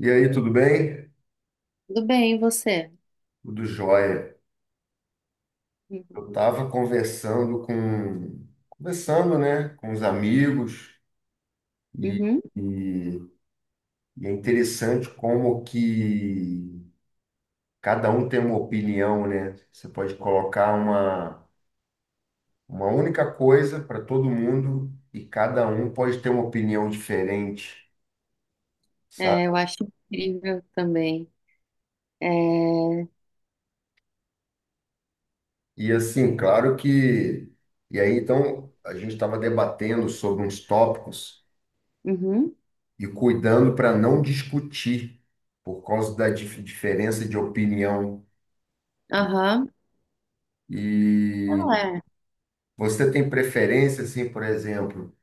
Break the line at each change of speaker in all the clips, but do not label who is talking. E aí, tudo bem?
Tudo bem, e você?
Tudo jóia. Eu
Uhum.
estava conversando, né, com os amigos e,
Uhum.
e- e é interessante como que cada um tem uma opinião, né? Você pode colocar uma única coisa para todo mundo e cada um pode ter uma opinião diferente,
É, eu
sabe?
acho incrível também. É...
E assim, claro que... E aí, então, a gente estava debatendo sobre uns tópicos
Uhum.
e cuidando para não discutir por causa da diferença de opinião.
Aham. Ah,
E
é.
você tem preferência, assim, por exemplo,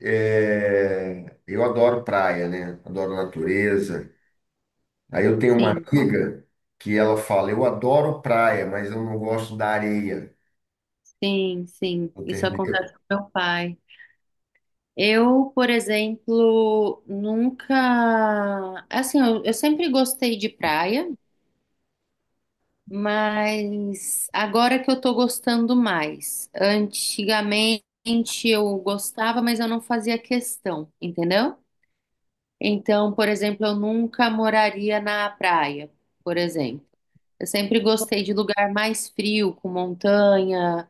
eu adoro praia, né? Adoro natureza. Aí eu tenho uma
Sim,
amiga que ela fala, eu adoro praia, mas eu não gosto da areia,
sim, sim. Isso
entendeu?
acontece com meu pai. Eu, por exemplo, nunca. Assim, eu sempre gostei de praia, mas agora que eu tô gostando mais. Antigamente eu gostava, mas eu não fazia questão, entendeu? Então, por exemplo, eu nunca moraria na praia, por exemplo. Eu sempre gostei de lugar mais frio, com montanha,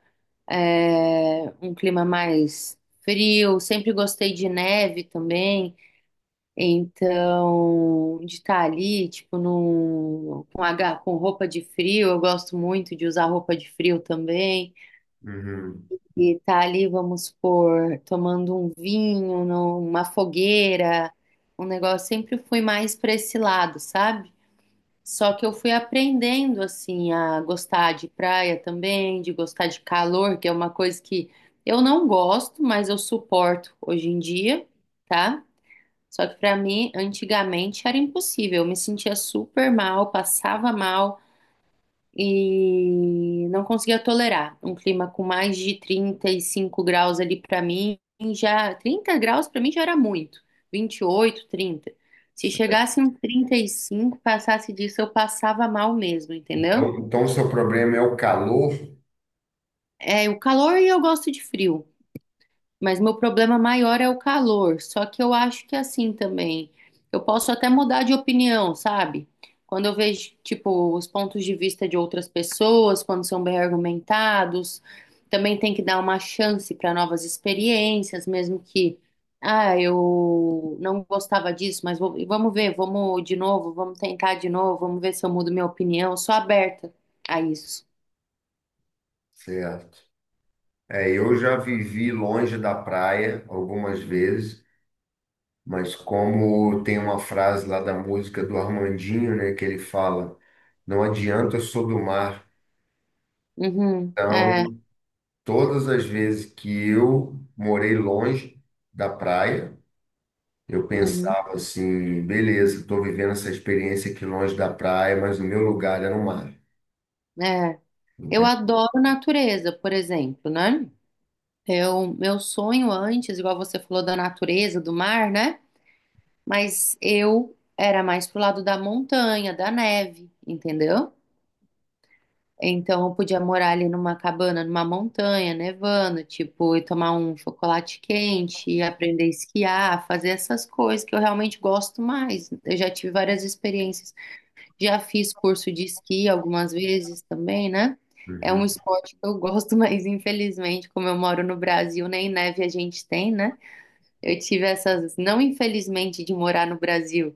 é, um clima mais frio. Sempre gostei de neve também. Então, de estar ali, tipo, num, com, com roupa de frio, eu gosto muito de usar roupa de frio também.
Uhum.
E tá ali, vamos supor, tomando um vinho, numa fogueira, um negócio. Sempre fui mais para esse lado, sabe? Só que eu fui aprendendo, assim, a gostar de praia também, de gostar de calor, que é uma coisa que eu não gosto, mas eu suporto hoje em dia, tá? Só que para mim, antigamente, era impossível. Eu me sentia super mal, passava mal e não conseguia tolerar um clima com mais de 35 graus ali para mim, já 30 graus para mim já era muito, 28, 30. Se
Certo.
chegasse um 35, passasse disso, eu passava mal mesmo, entendeu?
Então, o seu problema é o calor,
É, o calor e eu gosto de frio. Mas meu problema maior é o calor. Só que eu acho que assim também. Eu posso até mudar de opinião, sabe? Quando eu vejo, tipo, os pontos de vista de outras pessoas, quando são bem argumentados, também tem que dar uma chance para novas experiências, mesmo que, ah, eu não gostava disso, mas vamos ver, vamos de novo, vamos tentar de novo, vamos ver se eu mudo minha opinião. Eu sou aberta a isso.
certo? É, eu já vivi longe da praia algumas vezes. Mas como tem uma frase lá da música do Armandinho, né, que ele fala, não adianta, eu sou do mar.
Uhum, é,
Então, todas as vezes que eu morei longe da praia, eu
uhum,
pensava assim, beleza, estou vivendo essa experiência aqui longe da praia, mas o meu lugar era o mar,
é. Eu
entende?
adoro natureza, por exemplo, né? Eu, meu sonho antes, igual você falou da natureza, do mar, né? Mas eu era mais pro lado da montanha, da neve, entendeu? Então eu podia morar ali numa cabana, numa montanha, nevando, tipo, e tomar um chocolate quente, e aprender a esquiar, fazer essas coisas que eu realmente gosto mais. Eu já tive várias experiências, já fiz curso de esqui algumas vezes também, né? É um
Uhum.
esporte que eu gosto, mas infelizmente, como eu moro no Brasil, nem neve a gente tem, né? Eu tive essas, não infelizmente de morar no Brasil,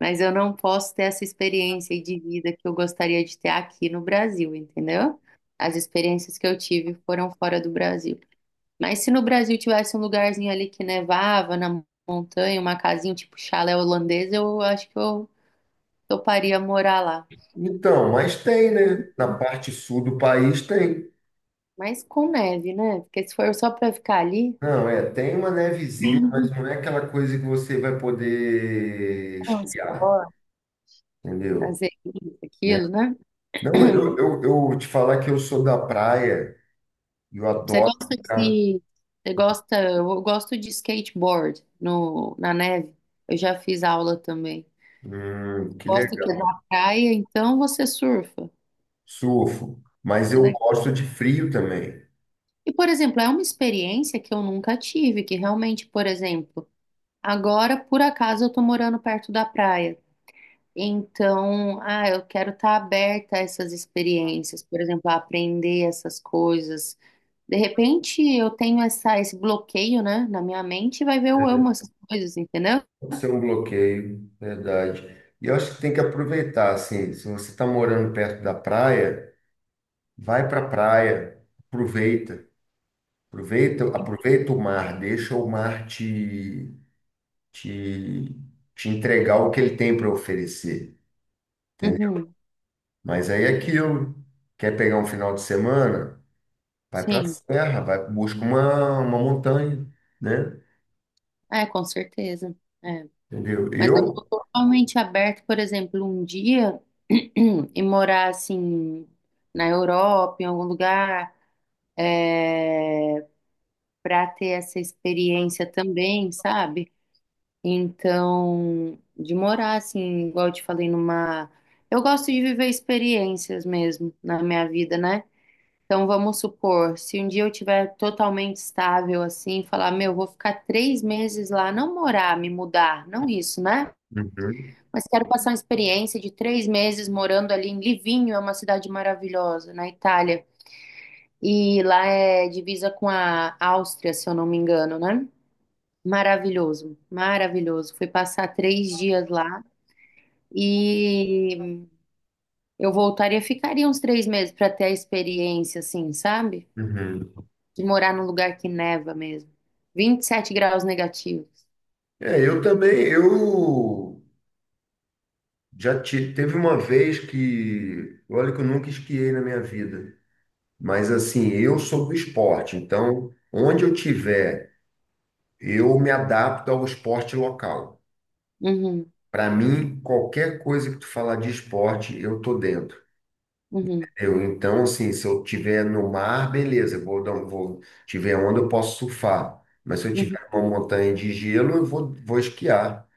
mas eu não posso ter essa experiência de vida que eu gostaria de ter aqui no Brasil, entendeu? As experiências que eu tive foram fora do Brasil. Mas se no Brasil tivesse um lugarzinho ali que nevava na montanha, uma casinha tipo chalé holandês, eu acho que eu toparia morar lá.
Então, mas tem, né? Na parte sul do país tem.
Mas com neve, né? Porque se for só pra ficar ali,
Não, é, tem uma nevezinha, mas não é aquela coisa que você vai poder esquiar,
transporte,
entendeu?
fazer isso, aquilo, né?
Não, eu te falar que eu sou da praia e eu
Você
adoro
gosta
ficar.
de. Você gosta. Eu gosto de skateboard no, na neve. Eu já fiz aula também.
Que
Gosto que é
legal.
da praia, então você surfa.
Surfo. Mas
É
eu
legal.
gosto de frio também.
E, por exemplo, é uma experiência que eu nunca tive, que realmente, por exemplo, agora por acaso eu tô morando perto da praia. Então, ah, eu quero estar aberta a essas experiências, por exemplo, a aprender essas coisas. De repente, eu tenho essa, esse bloqueio, né, na minha mente, e vai ver eu amo essas coisas, entendeu?
Pode ser um bloqueio, verdade. E eu acho que tem que aproveitar, assim, se você está morando perto da praia, vai para a praia, aproveita. Aproveita o mar, deixa o mar te, te entregar o que ele tem para oferecer, entendeu?
Uhum,
Mas aí é aquilo. Quer pegar um final de semana? Vai para a
sim,
serra, vai, busca uma montanha, né?
é, com certeza. É.
Entendeu?
Mas eu
Eu,
estou totalmente aberta, por exemplo, um dia e morar assim na Europa, em algum lugar, para ter essa experiência também, sabe? Então, de morar assim, igual eu te falei, numa. Eu gosto de viver experiências mesmo na minha vida, né? Então, vamos supor, se um dia eu tiver totalmente estável assim, falar, meu, vou ficar 3 meses lá, não morar, me mudar, não isso, né?
uhum,
Mas quero passar uma experiência de 3 meses morando ali em Livinho, é uma cidade maravilhosa, na Itália. E lá é divisa com a Áustria, se eu não me engano, né? Maravilhoso, maravilhoso. Fui passar 3 dias lá. E eu voltaria, ficaria uns 3 meses para ter a experiência, assim, sabe?
uhum.
De morar num lugar que neva mesmo. 27 graus negativos.
É, eu também, eu já teve uma vez que, olha que eu nunca esquiei na minha vida, mas assim, eu sou do esporte, então onde eu tiver, eu me adapto ao esporte local.
Uhum,
Para mim, qualquer coisa que tu falar de esporte, eu tô dentro.
uhum,
Eu, então, assim, se eu tiver no mar, beleza, eu vou, dar um- vou, tiver onda, eu posso surfar. Mas se eu
uhum.
tiver uma montanha de gelo, vou esquiar.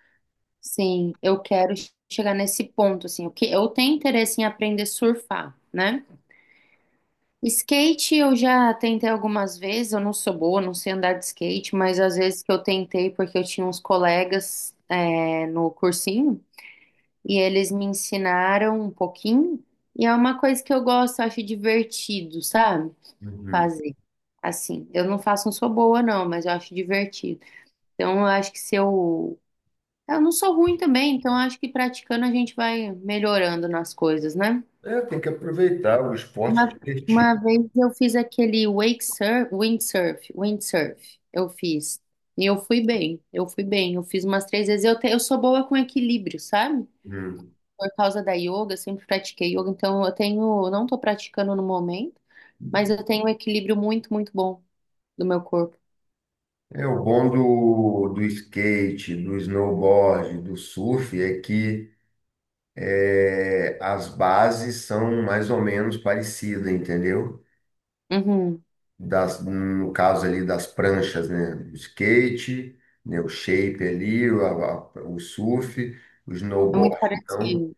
Sim, eu quero chegar nesse ponto, assim. O que, eu tenho interesse em aprender a surfar, né? Skate eu já tentei algumas vezes, eu não sou boa, não sei andar de skate, mas às vezes que eu tentei porque eu tinha uns colegas é, no cursinho, e eles me ensinaram um pouquinho, e é uma coisa que eu gosto, eu acho divertido, sabe?
Uhum.
Fazer. Assim, eu não faço, não sou boa, não, mas eu acho divertido. Então, eu acho que se eu. Eu não sou ruim também, então eu acho que praticando a gente vai melhorando nas coisas, né?
É, tem que aproveitar o esporte
Uma,
é divertido.
uma vez eu fiz aquele wake surf, windsurf, eu fiz. E eu fui bem. Eu fiz umas 3 vezes. Eu, eu sou boa com equilíbrio, sabe?
Uhum.
Por causa da yoga, eu sempre pratiquei yoga, então eu tenho, não tô praticando no momento, mas eu tenho um equilíbrio muito bom do meu corpo.
É, o bom do skate, do snowboard, do surf é que é, as bases são mais ou menos parecidas, entendeu?
Uhum.
Das, no caso ali das pranchas, né? O skate, né? O shape ali, o surf, o
É muito
snowboard. Então,
parecido.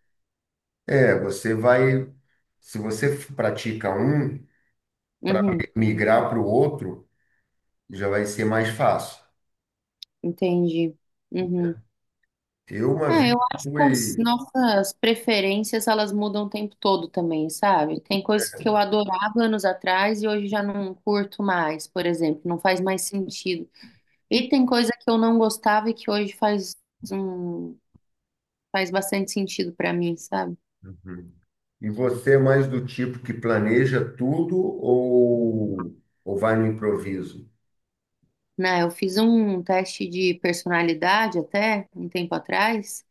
é, você vai, se você pratica um, para
Uhum.
migrar para o outro, já vai ser mais fácil.
Entendi. Uhum.
Eu uma
Ah,
vez
eu acho que as
fui.
nossas preferências, elas mudam o tempo todo também, sabe? Tem coisas que eu adorava anos atrás e hoje já não curto mais, por exemplo, não faz mais sentido. E tem coisa que eu não gostava e que hoje faz um, faz bastante sentido pra mim, sabe?
Uhum. E você é mais do tipo que planeja tudo ou vai no improviso,
Né, eu fiz um teste de personalidade até um tempo atrás,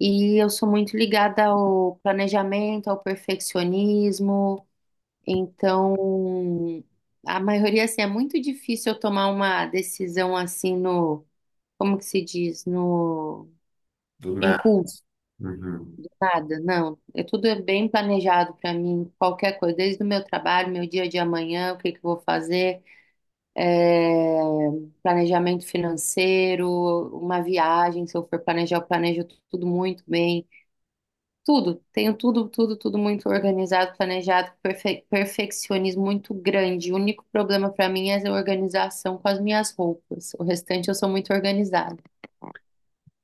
e eu sou muito ligada ao planejamento, ao perfeccionismo. Então, a maioria, assim, é muito difícil eu tomar uma decisão assim no, como que se diz, no
do nada?
impulso,
Uhum.
nada. Não, é tudo é bem planejado para mim, qualquer coisa, desde o meu trabalho, meu dia de amanhã, o que que eu vou fazer. É, planejamento financeiro, uma viagem, se eu for planejar, eu planejo tudo muito bem. Tudo, tenho tudo, tudo muito organizado, planejado, perfeccionismo muito grande. O único problema para mim é a organização com as minhas roupas. O restante eu sou muito organizada.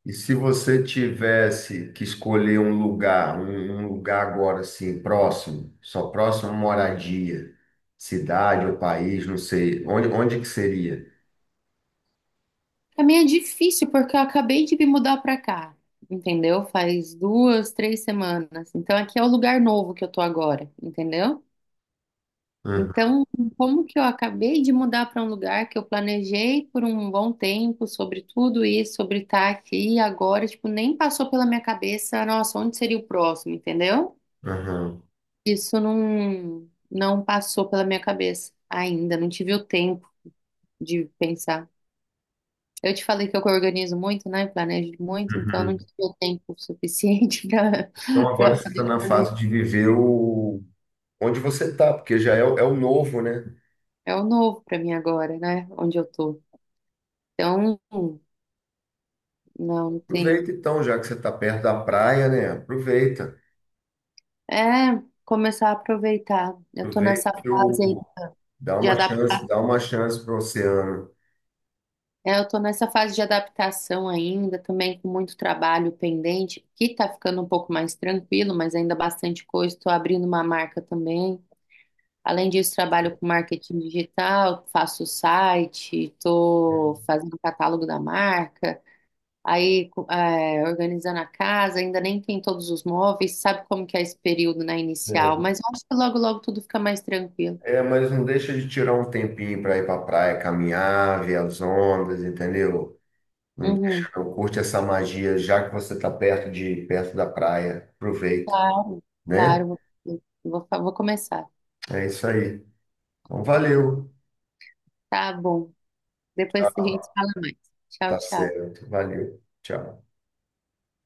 E se você tivesse que escolher um lugar, um lugar agora assim, próximo, só próximo à moradia, cidade ou país, não sei, onde que seria?
Para mim é difícil porque eu acabei de me mudar para cá, entendeu? Faz duas, 3 semanas. Então aqui é o lugar novo que eu tô agora, entendeu?
Hum,
Então, como que eu acabei de mudar para um lugar que eu planejei por um bom tempo sobre tudo isso, sobre estar aqui e agora, tipo, nem passou pela minha cabeça, nossa, onde seria o próximo, entendeu?
aham,
Isso não passou pela minha cabeça ainda, não tive o tempo de pensar. Eu te falei que eu organizo muito, né? Planejo muito, então eu não
uhum.
tive o tempo suficiente para
Então agora
para
você está
fazer.
na fase de viver o onde você está, porque é o novo, né?
É o novo para mim agora, né? Onde eu tô. Então, não
Aproveita
tem
então, já que você está perto da praia, né? Aproveita,
É, começar a aproveitar. Eu tô nessa
aproveita que
fase aí
o...
de adaptar.
dá uma chance para o oceano.
É, eu tô nessa fase de adaptação ainda, também com muito trabalho pendente, que tá ficando um pouco mais tranquilo, mas ainda bastante coisa. Estou abrindo uma marca também. Além disso, trabalho com marketing digital, faço site, estou fazendo catálogo da marca, aí é, organizando a casa, ainda nem tem todos os móveis, sabe como que é esse período, né,
É.
inicial, mas eu acho que logo, logo tudo fica mais tranquilo.
É, mas não deixa de tirar um tempinho para ir para praia, caminhar, ver as ondas, entendeu?
Uhum.
Eu curte essa magia, já que você está perto da praia, aproveita,
Claro,
né?
claro, vou começar.
É isso aí. Então, valeu.
Tá bom. Depois a gente fala mais. Tchau,
Tá
tchau.
certo. Valeu. Tchau.